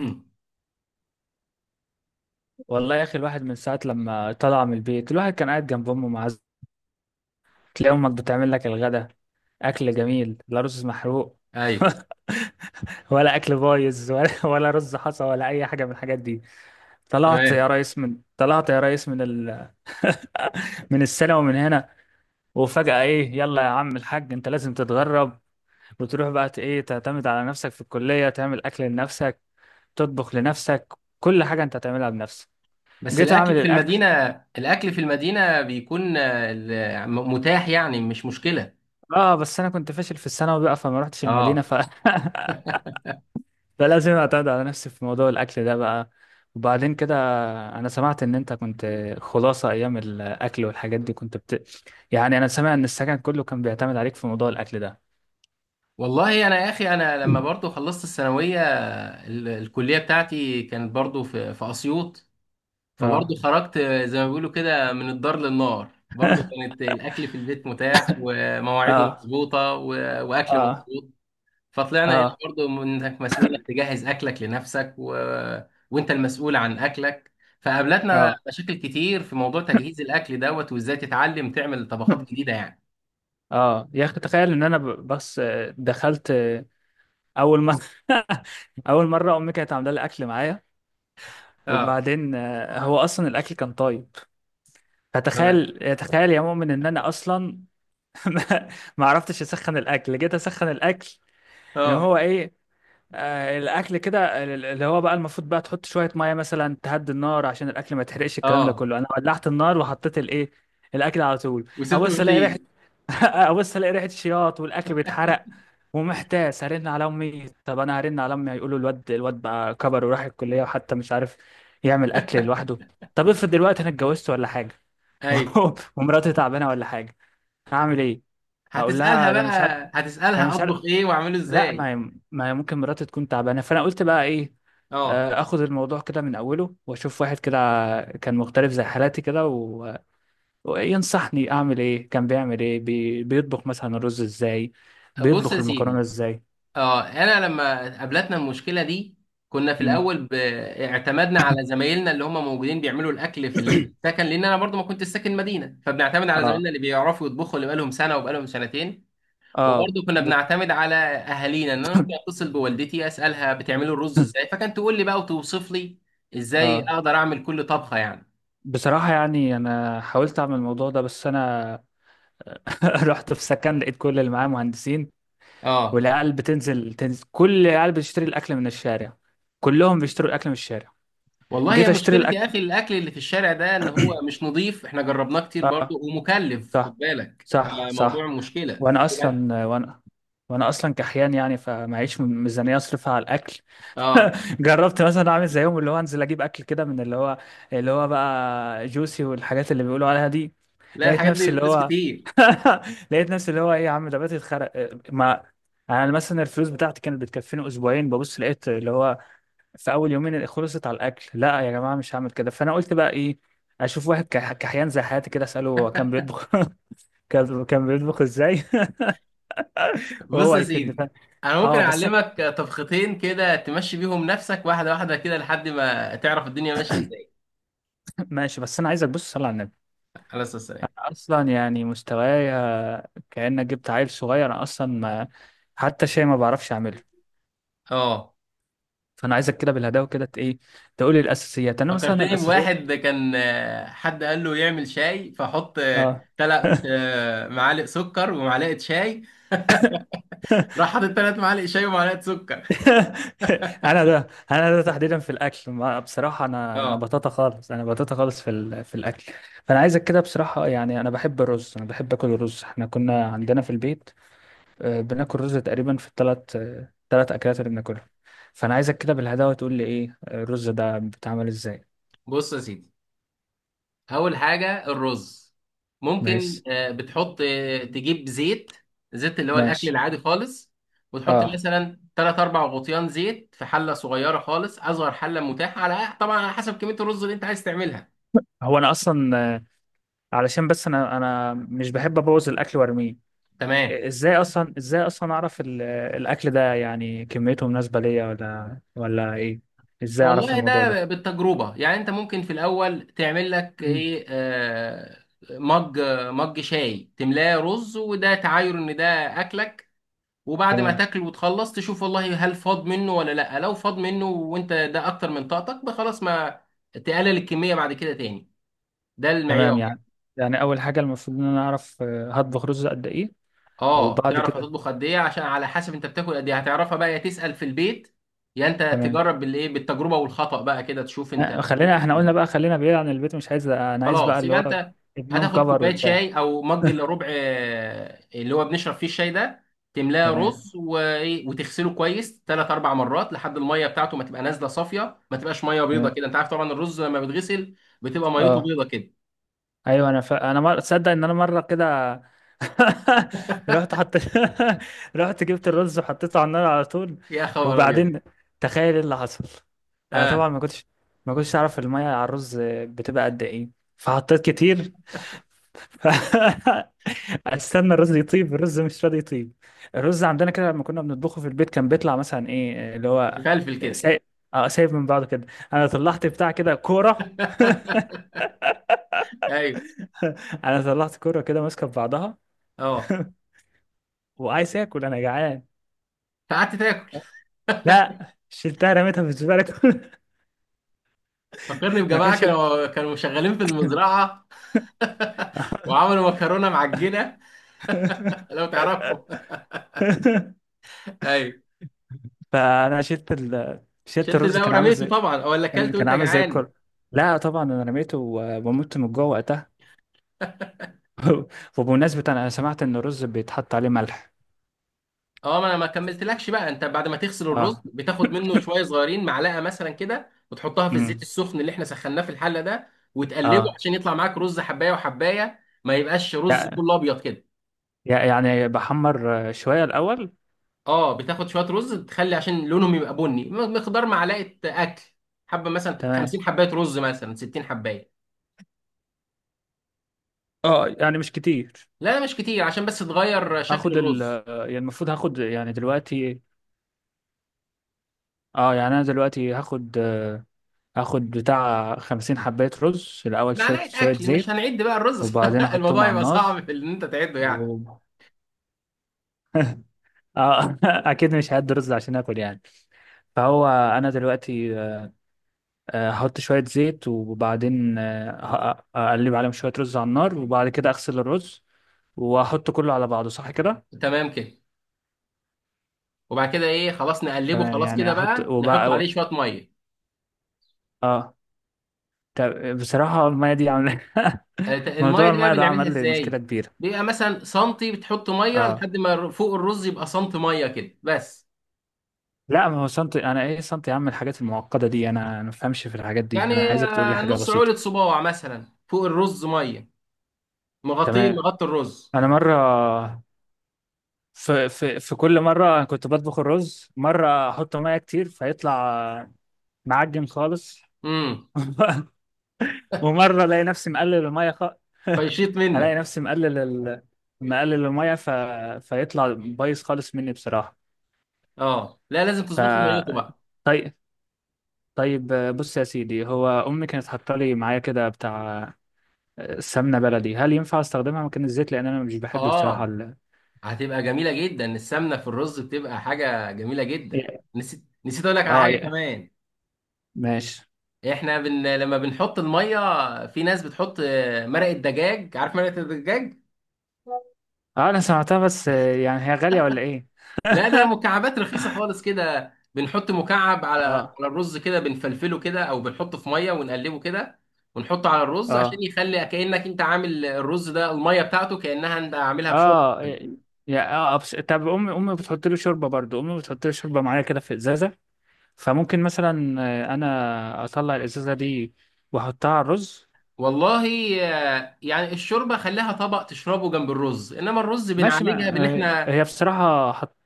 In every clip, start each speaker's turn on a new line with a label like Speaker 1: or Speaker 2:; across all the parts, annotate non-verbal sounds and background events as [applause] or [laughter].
Speaker 1: مم.
Speaker 2: والله يا اخي، الواحد من ساعه لما طلع من البيت الواحد كان قاعد جنب امه معزه. تلاقي امك بتعمل لك الغدا، اكل جميل، لا رز محروق
Speaker 1: ايوه،
Speaker 2: [laughs] ولا اكل بايظ ولا [laughs] ولا رز حصى ولا اي حاجه من الحاجات دي. طلعت
Speaker 1: تمام.
Speaker 2: يا ريس من [laughs] السنه ومن هنا. وفجاه ايه، يلا يا عم الحاج، انت لازم تتغرب وتروح بقى ت- ايه تعتمد على نفسك في الكليه، تعمل اكل لنفسك، تطبخ لنفسك، كل حاجه انت هتعملها بنفسك.
Speaker 1: بس
Speaker 2: جيت اعمل
Speaker 1: الاكل في
Speaker 2: الاكل.
Speaker 1: المدينه، الاكل في المدينه بيكون متاح، يعني مش مشكله.
Speaker 2: اه بس انا كنت فاشل في الثانوي بقى فما رحتش المدينه
Speaker 1: اه،
Speaker 2: [laughs] فلازم اعتمد على نفسي في موضوع الاكل ده بقى. وبعدين كده، انا سمعت ان انت كنت خلاصه ايام الاكل والحاجات دي كنت يعني انا سامع ان السكن كله كان بيعتمد عليك في موضوع الاكل ده.
Speaker 1: والله انا يا اخي، انا لما
Speaker 2: [clears throat]
Speaker 1: برضو خلصت الثانويه، الكليه بتاعتي كانت برضو في اسيوط، فبرضو
Speaker 2: اه.
Speaker 1: خرجت. زي ما بيقولوا كده من الدار للنار، برضو كانت الاكل في البيت متاح ومواعيده
Speaker 2: اه.
Speaker 1: مظبوطه واكل
Speaker 2: اه.
Speaker 1: مظبوط. فطلعنا هنا
Speaker 2: اه.
Speaker 1: برضو من انك مسؤول انك تجهز اكلك لنفسك وانت المسؤول عن اكلك. فقابلتنا
Speaker 2: اه.
Speaker 1: مشاكل كتير في موضوع تجهيز الاكل دوت، وازاي تتعلم تعمل طبخات جديده يعني.
Speaker 2: اه يا اخي، تخيل ان انا بس دخلت اول مره. [laughs] اول مره امي كانت عامله لي اكل معايا،
Speaker 1: اه،
Speaker 2: وبعدين هو اصلا الاكل كان طيب.
Speaker 1: تمام.
Speaker 2: فتخيل، تخيل يا مؤمن، ان انا اصلا [laughs] ما ما عرفتش اسخن الاكل. جيت اسخن الاكل اللي
Speaker 1: اه،
Speaker 2: هو ايه، الاكل كده اللي هو بقى المفروض بقى تحط شويه ميه مثلا تهدي النار عشان الاكل ما يتحرقش، الكلام ده
Speaker 1: اه،
Speaker 2: كله انا ولعت النار وحطيت الايه الاكل على طول.
Speaker 1: وسبت
Speaker 2: ابص الاقي ريحه،
Speaker 1: ومشيت.
Speaker 2: [laughs] ابص الاقي ريحه شياط والاكل بيتحرق ومحتاس هرن على امي. طب انا هرن على امي هيقولوا الواد بقى كبر وراح الكليه وحتى مش عارف يعمل اكل لوحده. طب افرض دلوقتي انا اتجوزت ولا حاجه
Speaker 1: ايوه،
Speaker 2: [laughs] ومراتي تعبانه ولا حاجه، هعمل ايه؟ هقول
Speaker 1: هتسالها
Speaker 2: لها ده انا مش عارف.
Speaker 1: بقى،
Speaker 2: انا
Speaker 1: هتسالها
Speaker 2: مش
Speaker 1: اطبخ
Speaker 2: عارف.
Speaker 1: ايه واعمله
Speaker 2: لا، ما
Speaker 1: ازاي.
Speaker 2: هي ما هي ممكن مراتي تكون تعبانه. فانا قلت بقى ايه،
Speaker 1: اه،
Speaker 2: اخد الموضوع كده من اوله واشوف واحد كده كان مختلف زي حالاتي كده وينصحني اعمل ايه، كان بيعمل ايه، بيطبخ مثلا الرز ازاي،
Speaker 1: بص
Speaker 2: بيطبخ
Speaker 1: يا
Speaker 2: المكرونه
Speaker 1: سيدي،
Speaker 2: ازاي.
Speaker 1: اه، انا لما قابلتنا المشكله دي، كنا في
Speaker 2: مم.
Speaker 1: الاول اعتمدنا على زمايلنا اللي هم موجودين بيعملوا الاكل في
Speaker 2: [clears throat]
Speaker 1: السكن، لان انا برضو ما كنت ساكن مدينه، فبنعتمد على
Speaker 2: اه.
Speaker 1: زمايلنا اللي بيعرفوا يطبخوا، اللي بقالهم سنه وبقالهم سنتين.
Speaker 2: اه.
Speaker 1: وبرضو كنا
Speaker 2: ب...
Speaker 1: بنعتمد على اهالينا، ان انا ممكن اتصل بوالدتي اسالها بتعملوا الرز
Speaker 2: [clears throat]
Speaker 1: ازاي، فكانت تقول لي بقى وتوصف لي
Speaker 2: [laughs]
Speaker 1: ازاي
Speaker 2: اه.
Speaker 1: اقدر اعمل كل طبخه يعني.
Speaker 2: بصراحة يعني أنا حاولت أعمل الموضوع ده بس أنا [laughs] رحت في سكن لقيت كل اللي معايا مهندسين،
Speaker 1: اه،
Speaker 2: والعيال تنزل كل العيال بتشتري الاكل من الشارع، كلهم بيشتروا الاكل من الشارع.
Speaker 1: والله هي
Speaker 2: جيت اشتري
Speaker 1: مشكلة يا
Speaker 2: الاكل.
Speaker 1: اخي، الاكل اللي في الشارع ده، ان هو مش نظيف، احنا جربناه كتير
Speaker 2: اه،
Speaker 1: برضو ومكلف،
Speaker 2: صح،
Speaker 1: خد بالك،
Speaker 2: صح،
Speaker 1: فموضوع
Speaker 2: صح.
Speaker 1: مشكله.
Speaker 2: وانا اصلا وانا وانا اصلا كحيان يعني فمعيش ميزانيه اصرفها على الاكل.
Speaker 1: اه،
Speaker 2: [laughs] جربت مثلا اعمل زيهم، اللي هو انزل اجيب اكل كده من اللي هو بقى جوسي والحاجات اللي بيقولوا عليها دي.
Speaker 1: لا
Speaker 2: لقيت
Speaker 1: الحاجات دي
Speaker 2: نفسي اللي
Speaker 1: بفلوس
Speaker 2: هو
Speaker 1: كتير.
Speaker 2: [laughs] لقيت نفسي اللي هو ايه يا عم، ده بقيت اتخرق. ما انا مثلا الفلوس بتاعتي كانت بتكفيني اسبوعين، ببص لقيت اللي هو في اول يومين خلصت على الاكل. لا يا جماعه مش هعمل كده. فانا قلت بقى ايه، اشوف واحد كحيان زي حياتي كده اساله هو كان بيطبخ، [laughs] كان بيطبخ ازاي [laughs]
Speaker 1: بص
Speaker 2: وهو
Speaker 1: يا
Speaker 2: هيفيدني
Speaker 1: سيدي، انا ممكن
Speaker 2: اه بس
Speaker 1: اعلمك طبختين كده تمشي بيهم نفسك، واحده واحده كده، لحد ما تعرف الدنيا ماشيه ازاي.
Speaker 2: [clears throat] ماشي، بس انا عايزك بص صلي على النبي،
Speaker 1: على اساس السلام.
Speaker 2: اصلا يعني مستوايا كانك جبت عيل صغير. أنا اصلا ما [clears throat] حتى شيء ما بعرفش اعمله.
Speaker 1: اه،
Speaker 2: فانا عايزك كده بالهداوه كده ت- ايه تقولي الاساسيات. انا مثلا
Speaker 1: فكرتني
Speaker 2: الاساسيات،
Speaker 1: بواحد كان، حد قال له يعمل شاي، فحط
Speaker 2: اه.
Speaker 1: تلات معالق سكر ومعلقه شاي،
Speaker 2: [laughs]
Speaker 1: راح حاطط تلات معالق شاي ومعلقه سكر.
Speaker 2: [laughs] انا ده تحديدا في الاكل، ما بصراحه انا
Speaker 1: اه،
Speaker 2: بطاطا خالص، انا بطاطا خالص في الاكل. فانا عايزك كده بصراحه، يعني انا بحب الرز، انا بحب اكل الرز. احنا كنا عندنا في البيت بناكل رز تقريبا في 3 اكلات اللي بناكلها. فانا عايزك كده بالهداوه تقول لي ايه، الرز ده بيتعمل ازاي.
Speaker 1: بص يا سيدي، اول حاجه الرز، ممكن
Speaker 2: ماشي.
Speaker 1: بتحط، تجيب زيت، زيت اللي هو الاكل
Speaker 2: ماشي.
Speaker 1: العادي خالص. وتحط
Speaker 2: اه،
Speaker 1: مثلا 3 4 غطيان زيت في حله صغيره خالص، اصغر حله متاحه، على طبعا على حسب كميه الرز اللي انت عايز تعملها.
Speaker 2: هو انا اصلا علشان بس انا مش بحب ابوظ الاكل وارميه.
Speaker 1: تمام،
Speaker 2: ازاي اصلا اعرف الاكل ده يعني كميته مناسبه ليا ولا ايه، ازاي اعرف
Speaker 1: والله
Speaker 2: الموضوع ده؟
Speaker 1: ده بالتجربه، يعني انت ممكن في الاول تعمل لك
Speaker 2: مم.
Speaker 1: ايه، مج، مج شاي تملاه رز، وده تعاير ان ده اكلك. وبعد ما
Speaker 2: تمام.
Speaker 1: تاكل وتخلص، تشوف والله هل فاض منه ولا لا. لو فاض منه وانت ده اكتر من طاقتك بقى، خلاص ما تقلل الكميه بعد كده تاني. ده
Speaker 2: تمام،
Speaker 1: المعيار يعني.
Speaker 2: يعني اول حاجه المفروض ان انا اعرف هطبخ رز قد ايه.
Speaker 1: اه،
Speaker 2: وبعد
Speaker 1: تعرف
Speaker 2: كده
Speaker 1: هتطبخ قد ايه، عشان على حسب انت بتاكل قد ايه هتعرفها بقى، يا تسال في البيت يا انت
Speaker 2: تمام
Speaker 1: تجرب بالايه، بالتجربه والخطا بقى كده تشوف انت.
Speaker 2: خلينا احنا قلنا بقى، خلينا بعيد عن البيت، مش عايز، انا عايز بقى
Speaker 1: خلاص،
Speaker 2: اللي
Speaker 1: يبقى
Speaker 2: هو
Speaker 1: انت
Speaker 2: ابنهم
Speaker 1: هتاخد
Speaker 2: كفر
Speaker 1: كوبايه
Speaker 2: وبتاع.
Speaker 1: شاي او مج الا ربع، اللي هو بنشرب فيه الشاي ده، تملاه
Speaker 2: تمام.
Speaker 1: رز، وايه، وتغسله كويس ثلاث اربع مرات، لحد الميه بتاعته ما تبقى نازله صافيه، ما تبقاش ميه بيضه
Speaker 2: تمام.
Speaker 1: كده. انت عارف طبعا الرز لما بيتغسل بتبقى ميته
Speaker 2: اه،
Speaker 1: بيضه كده.
Speaker 2: ايوه، انا ف... انا مر... تصدق ان انا مره كده [laughs] رحت حط [laughs] رحت جبت الرز وحطيته على النار على طول.
Speaker 1: يا خبر ابيض.
Speaker 2: وبعدين تخيل ايه اللي حصل، انا
Speaker 1: اه،
Speaker 2: طبعا ما كنتش اعرف الميه على الرز بتبقى قد ايه، فحطيت كتير. [laughs] استنى الرز يطيب، الرز مش راضي يطيب. الرز عندنا كده لما كنا بنطبخه في البيت كان بيطلع مثلا ايه اللي هو
Speaker 1: فلفل كده.
Speaker 2: سايب، اه سايب من بعضه كده. انا طلعت بتاع كده كوره،
Speaker 1: [laughs] ايوه.
Speaker 2: [laughs] انا طلعت كوره كده ماسكه في بعضها.
Speaker 1: اه،
Speaker 2: [laughs] وعايز اكل انا جعان،
Speaker 1: فقعدت تاكل.
Speaker 2: لا، شلتها رميتها في الزباله كلها.
Speaker 1: فكرني
Speaker 2: [laughs] ما
Speaker 1: بجماعه
Speaker 2: كانش. [laughs]
Speaker 1: كانوا شغالين في المزرعه، [laughs] وعملوا مكرونه معجنه، لو تعرفهم. [laughs] ايوه،
Speaker 2: فانا شلت شلت
Speaker 1: شلت
Speaker 2: الرز
Speaker 1: الباقي
Speaker 2: كان عامل
Speaker 1: ورميته
Speaker 2: زي،
Speaker 1: طبعا ولا
Speaker 2: كان
Speaker 1: اكلت
Speaker 2: كان
Speaker 1: وانت
Speaker 2: عامل زي
Speaker 1: جعان.
Speaker 2: الكل. لا طبعا انا رميته ومت من جوه وقتها. [laughs] وبمناسبه انا سمعت ان الرز بيتحط عليه ملح.
Speaker 1: اه، ما انا ما كملتلكش بقى. انت بعد ما تغسل
Speaker 2: اه.
Speaker 1: الرز، بتاخد منه شويه صغيرين، معلقه مثلا كده، وتحطها في الزيت
Speaker 2: امم.
Speaker 1: السخن اللي احنا سخناه في الحله ده، وتقلبه
Speaker 2: اه.
Speaker 1: عشان يطلع معاك رز حبايه وحبايه، ما يبقاش رز
Speaker 2: لا،
Speaker 1: كله ابيض كده.
Speaker 2: يعني بحمر شويه الاول.
Speaker 1: اه، بتاخد شويه رز تخلي عشان لونهم يبقى بني، مقدار معلقه اكل، حبه مثلا
Speaker 2: تمام.
Speaker 1: 50 حبايه رز مثلا 60 حبايه.
Speaker 2: اه يعني مش كتير.
Speaker 1: لا مش كتير، عشان بس تغير شكل
Speaker 2: هاخد ال،
Speaker 1: الرز.
Speaker 2: يعني المفروض هاخد يعني دلوقتي. اه يعني انا دلوقتي اخد بتاع 50 حباية رز الاول، شوية
Speaker 1: معلقه
Speaker 2: شوية
Speaker 1: اكل، مش
Speaker 2: زيت
Speaker 1: هنعد بقى الرز،
Speaker 2: وبعدين
Speaker 1: [laughs]
Speaker 2: احطهم
Speaker 1: الموضوع
Speaker 2: على
Speaker 1: يبقى
Speaker 2: النار
Speaker 1: صعب في ان انت تعده يعني.
Speaker 2: و... آه [laughs] اكيد مش هعد رز عشان اكل يعني. فهو انا دلوقتي احط شوية زيت وبعدين اقلب عليهم شوية رز على النار، وبعد كده اغسل الرز واحط كله على بعضه، صح كده؟
Speaker 1: تمام كده. وبعد كده ايه، خلاص نقلبه،
Speaker 2: تمام،
Speaker 1: خلاص
Speaker 2: يعني
Speaker 1: كده
Speaker 2: احط
Speaker 1: بقى نحط
Speaker 2: وبقى،
Speaker 1: عليه شويه ميه.
Speaker 2: اه. طب بصراحة المية دي عاملة [laughs]
Speaker 1: الميه
Speaker 2: موضوع
Speaker 1: دي بقى
Speaker 2: المية ده
Speaker 1: بنعملها
Speaker 2: عمل لي مشكلة
Speaker 1: ازاي؟
Speaker 2: كبيرة.
Speaker 1: بيبقى مثلا سنتي، بتحط ميه
Speaker 2: اه.
Speaker 1: لحد ما فوق الرز يبقى سنتي ميه كده بس.
Speaker 2: لا، ما هو سنتي، انا ايه سنتي يا عم، الحاجات المعقده دي أنا ما بفهمش في الحاجات دي.
Speaker 1: يعني
Speaker 2: انا عايزك تقول لي حاجه
Speaker 1: نص
Speaker 2: بسيطه.
Speaker 1: عولة صباع مثلا فوق الرز ميه، مغطيه،
Speaker 2: تمام.
Speaker 1: مغطي الرز.
Speaker 2: انا مره، في كل مره أنا كنت بطبخ الرز، مره احط ميه كتير فيطلع معجن خالص،
Speaker 1: امم،
Speaker 2: [laughs] ومره الاقي نفسي مقلل الميه
Speaker 1: فيشيط
Speaker 2: [laughs] الاقي
Speaker 1: منك.
Speaker 2: نفسي مقلل مقلل الميه فيطلع بايظ خالص مني بصراحه.
Speaker 1: اه لا، لازم
Speaker 2: ف
Speaker 1: تظبط له ميته بقى.
Speaker 2: طيب. طيب. بص يا سيدي، هو امي كانت حاطه لي معايا كده بتاع سمنة بلدي، هل ينفع استخدمها مكان الزيت، لان انا مش بحب بصراحة
Speaker 1: اه، هتبقى جميله جدا السمنه في الرز، بتبقى حاجه جميله جدا. نسيت، نسيت اقول لك على
Speaker 2: اه
Speaker 1: حاجه
Speaker 2: يا،
Speaker 1: كمان.
Speaker 2: ماشي.
Speaker 1: لما بنحط الميه، في ناس بتحط مرقه دجاج، عارف مرقه الدجاج.
Speaker 2: اه انا سمعتها بس يعني هي غالية ولا ايه؟
Speaker 1: لا ده مكعبات رخيصه خالص كده، بنحط مكعب على، على
Speaker 2: اه.
Speaker 1: الرز كده، بنفلفله كده، او بنحطه في ميه ونقلبه كده، ونحطه على الرز، عشان
Speaker 2: اه.
Speaker 1: يخلي كانك انت عامل الرز ده الميه بتاعته كانها انت عاملها بشوربه.
Speaker 2: اه يا، اه بس طب امي بتحط له شوربة برضو، امي بتحط له شوربة معايا كده في ازازة، فممكن مثلا انا اطلع الازازة دي واحطها على الرز.
Speaker 1: والله يعني الشوربه خليها طبق تشربه جنب الرز، انما الرز
Speaker 2: ماشي،
Speaker 1: بنعالجها بان
Speaker 2: ما آه،
Speaker 1: احنا
Speaker 2: هي بصراحة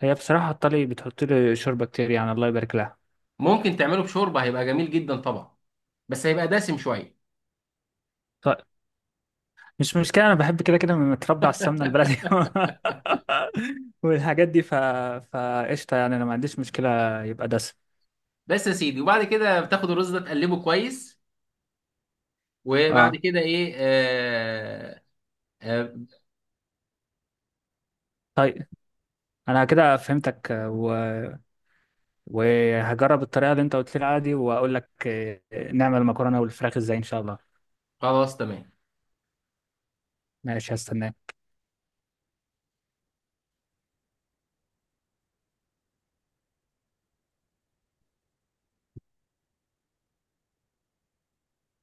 Speaker 2: هي بصراحة حط لي بتحط لي شوربة كتير يعني الله يبارك لها.
Speaker 1: ممكن تعمله بشوربه، هيبقى جميل جدا طبعا، بس هيبقى دسم شويه.
Speaker 2: طيب، مش مشكلة، أنا بحب كده كده، متربي على السمنة البلدي [laughs] والحاجات دي فقشطة، يعني أنا ما عنديش مشكلة يبقى دسم.
Speaker 1: بس يا سيدي، وبعد كده بتاخد الرز ده تقلبه كويس، وبعد
Speaker 2: أه.
Speaker 1: كده ايه، آه. آه،
Speaker 2: طيب. أنا كده فهمتك وهجرب الطريقة اللي أنت قلت لي عليها دي وأقول لك نعمل المكرونة والفراخ إزاي إن شاء الله.
Speaker 1: خلاص تمام.
Speaker 2: ماشي، هستناك.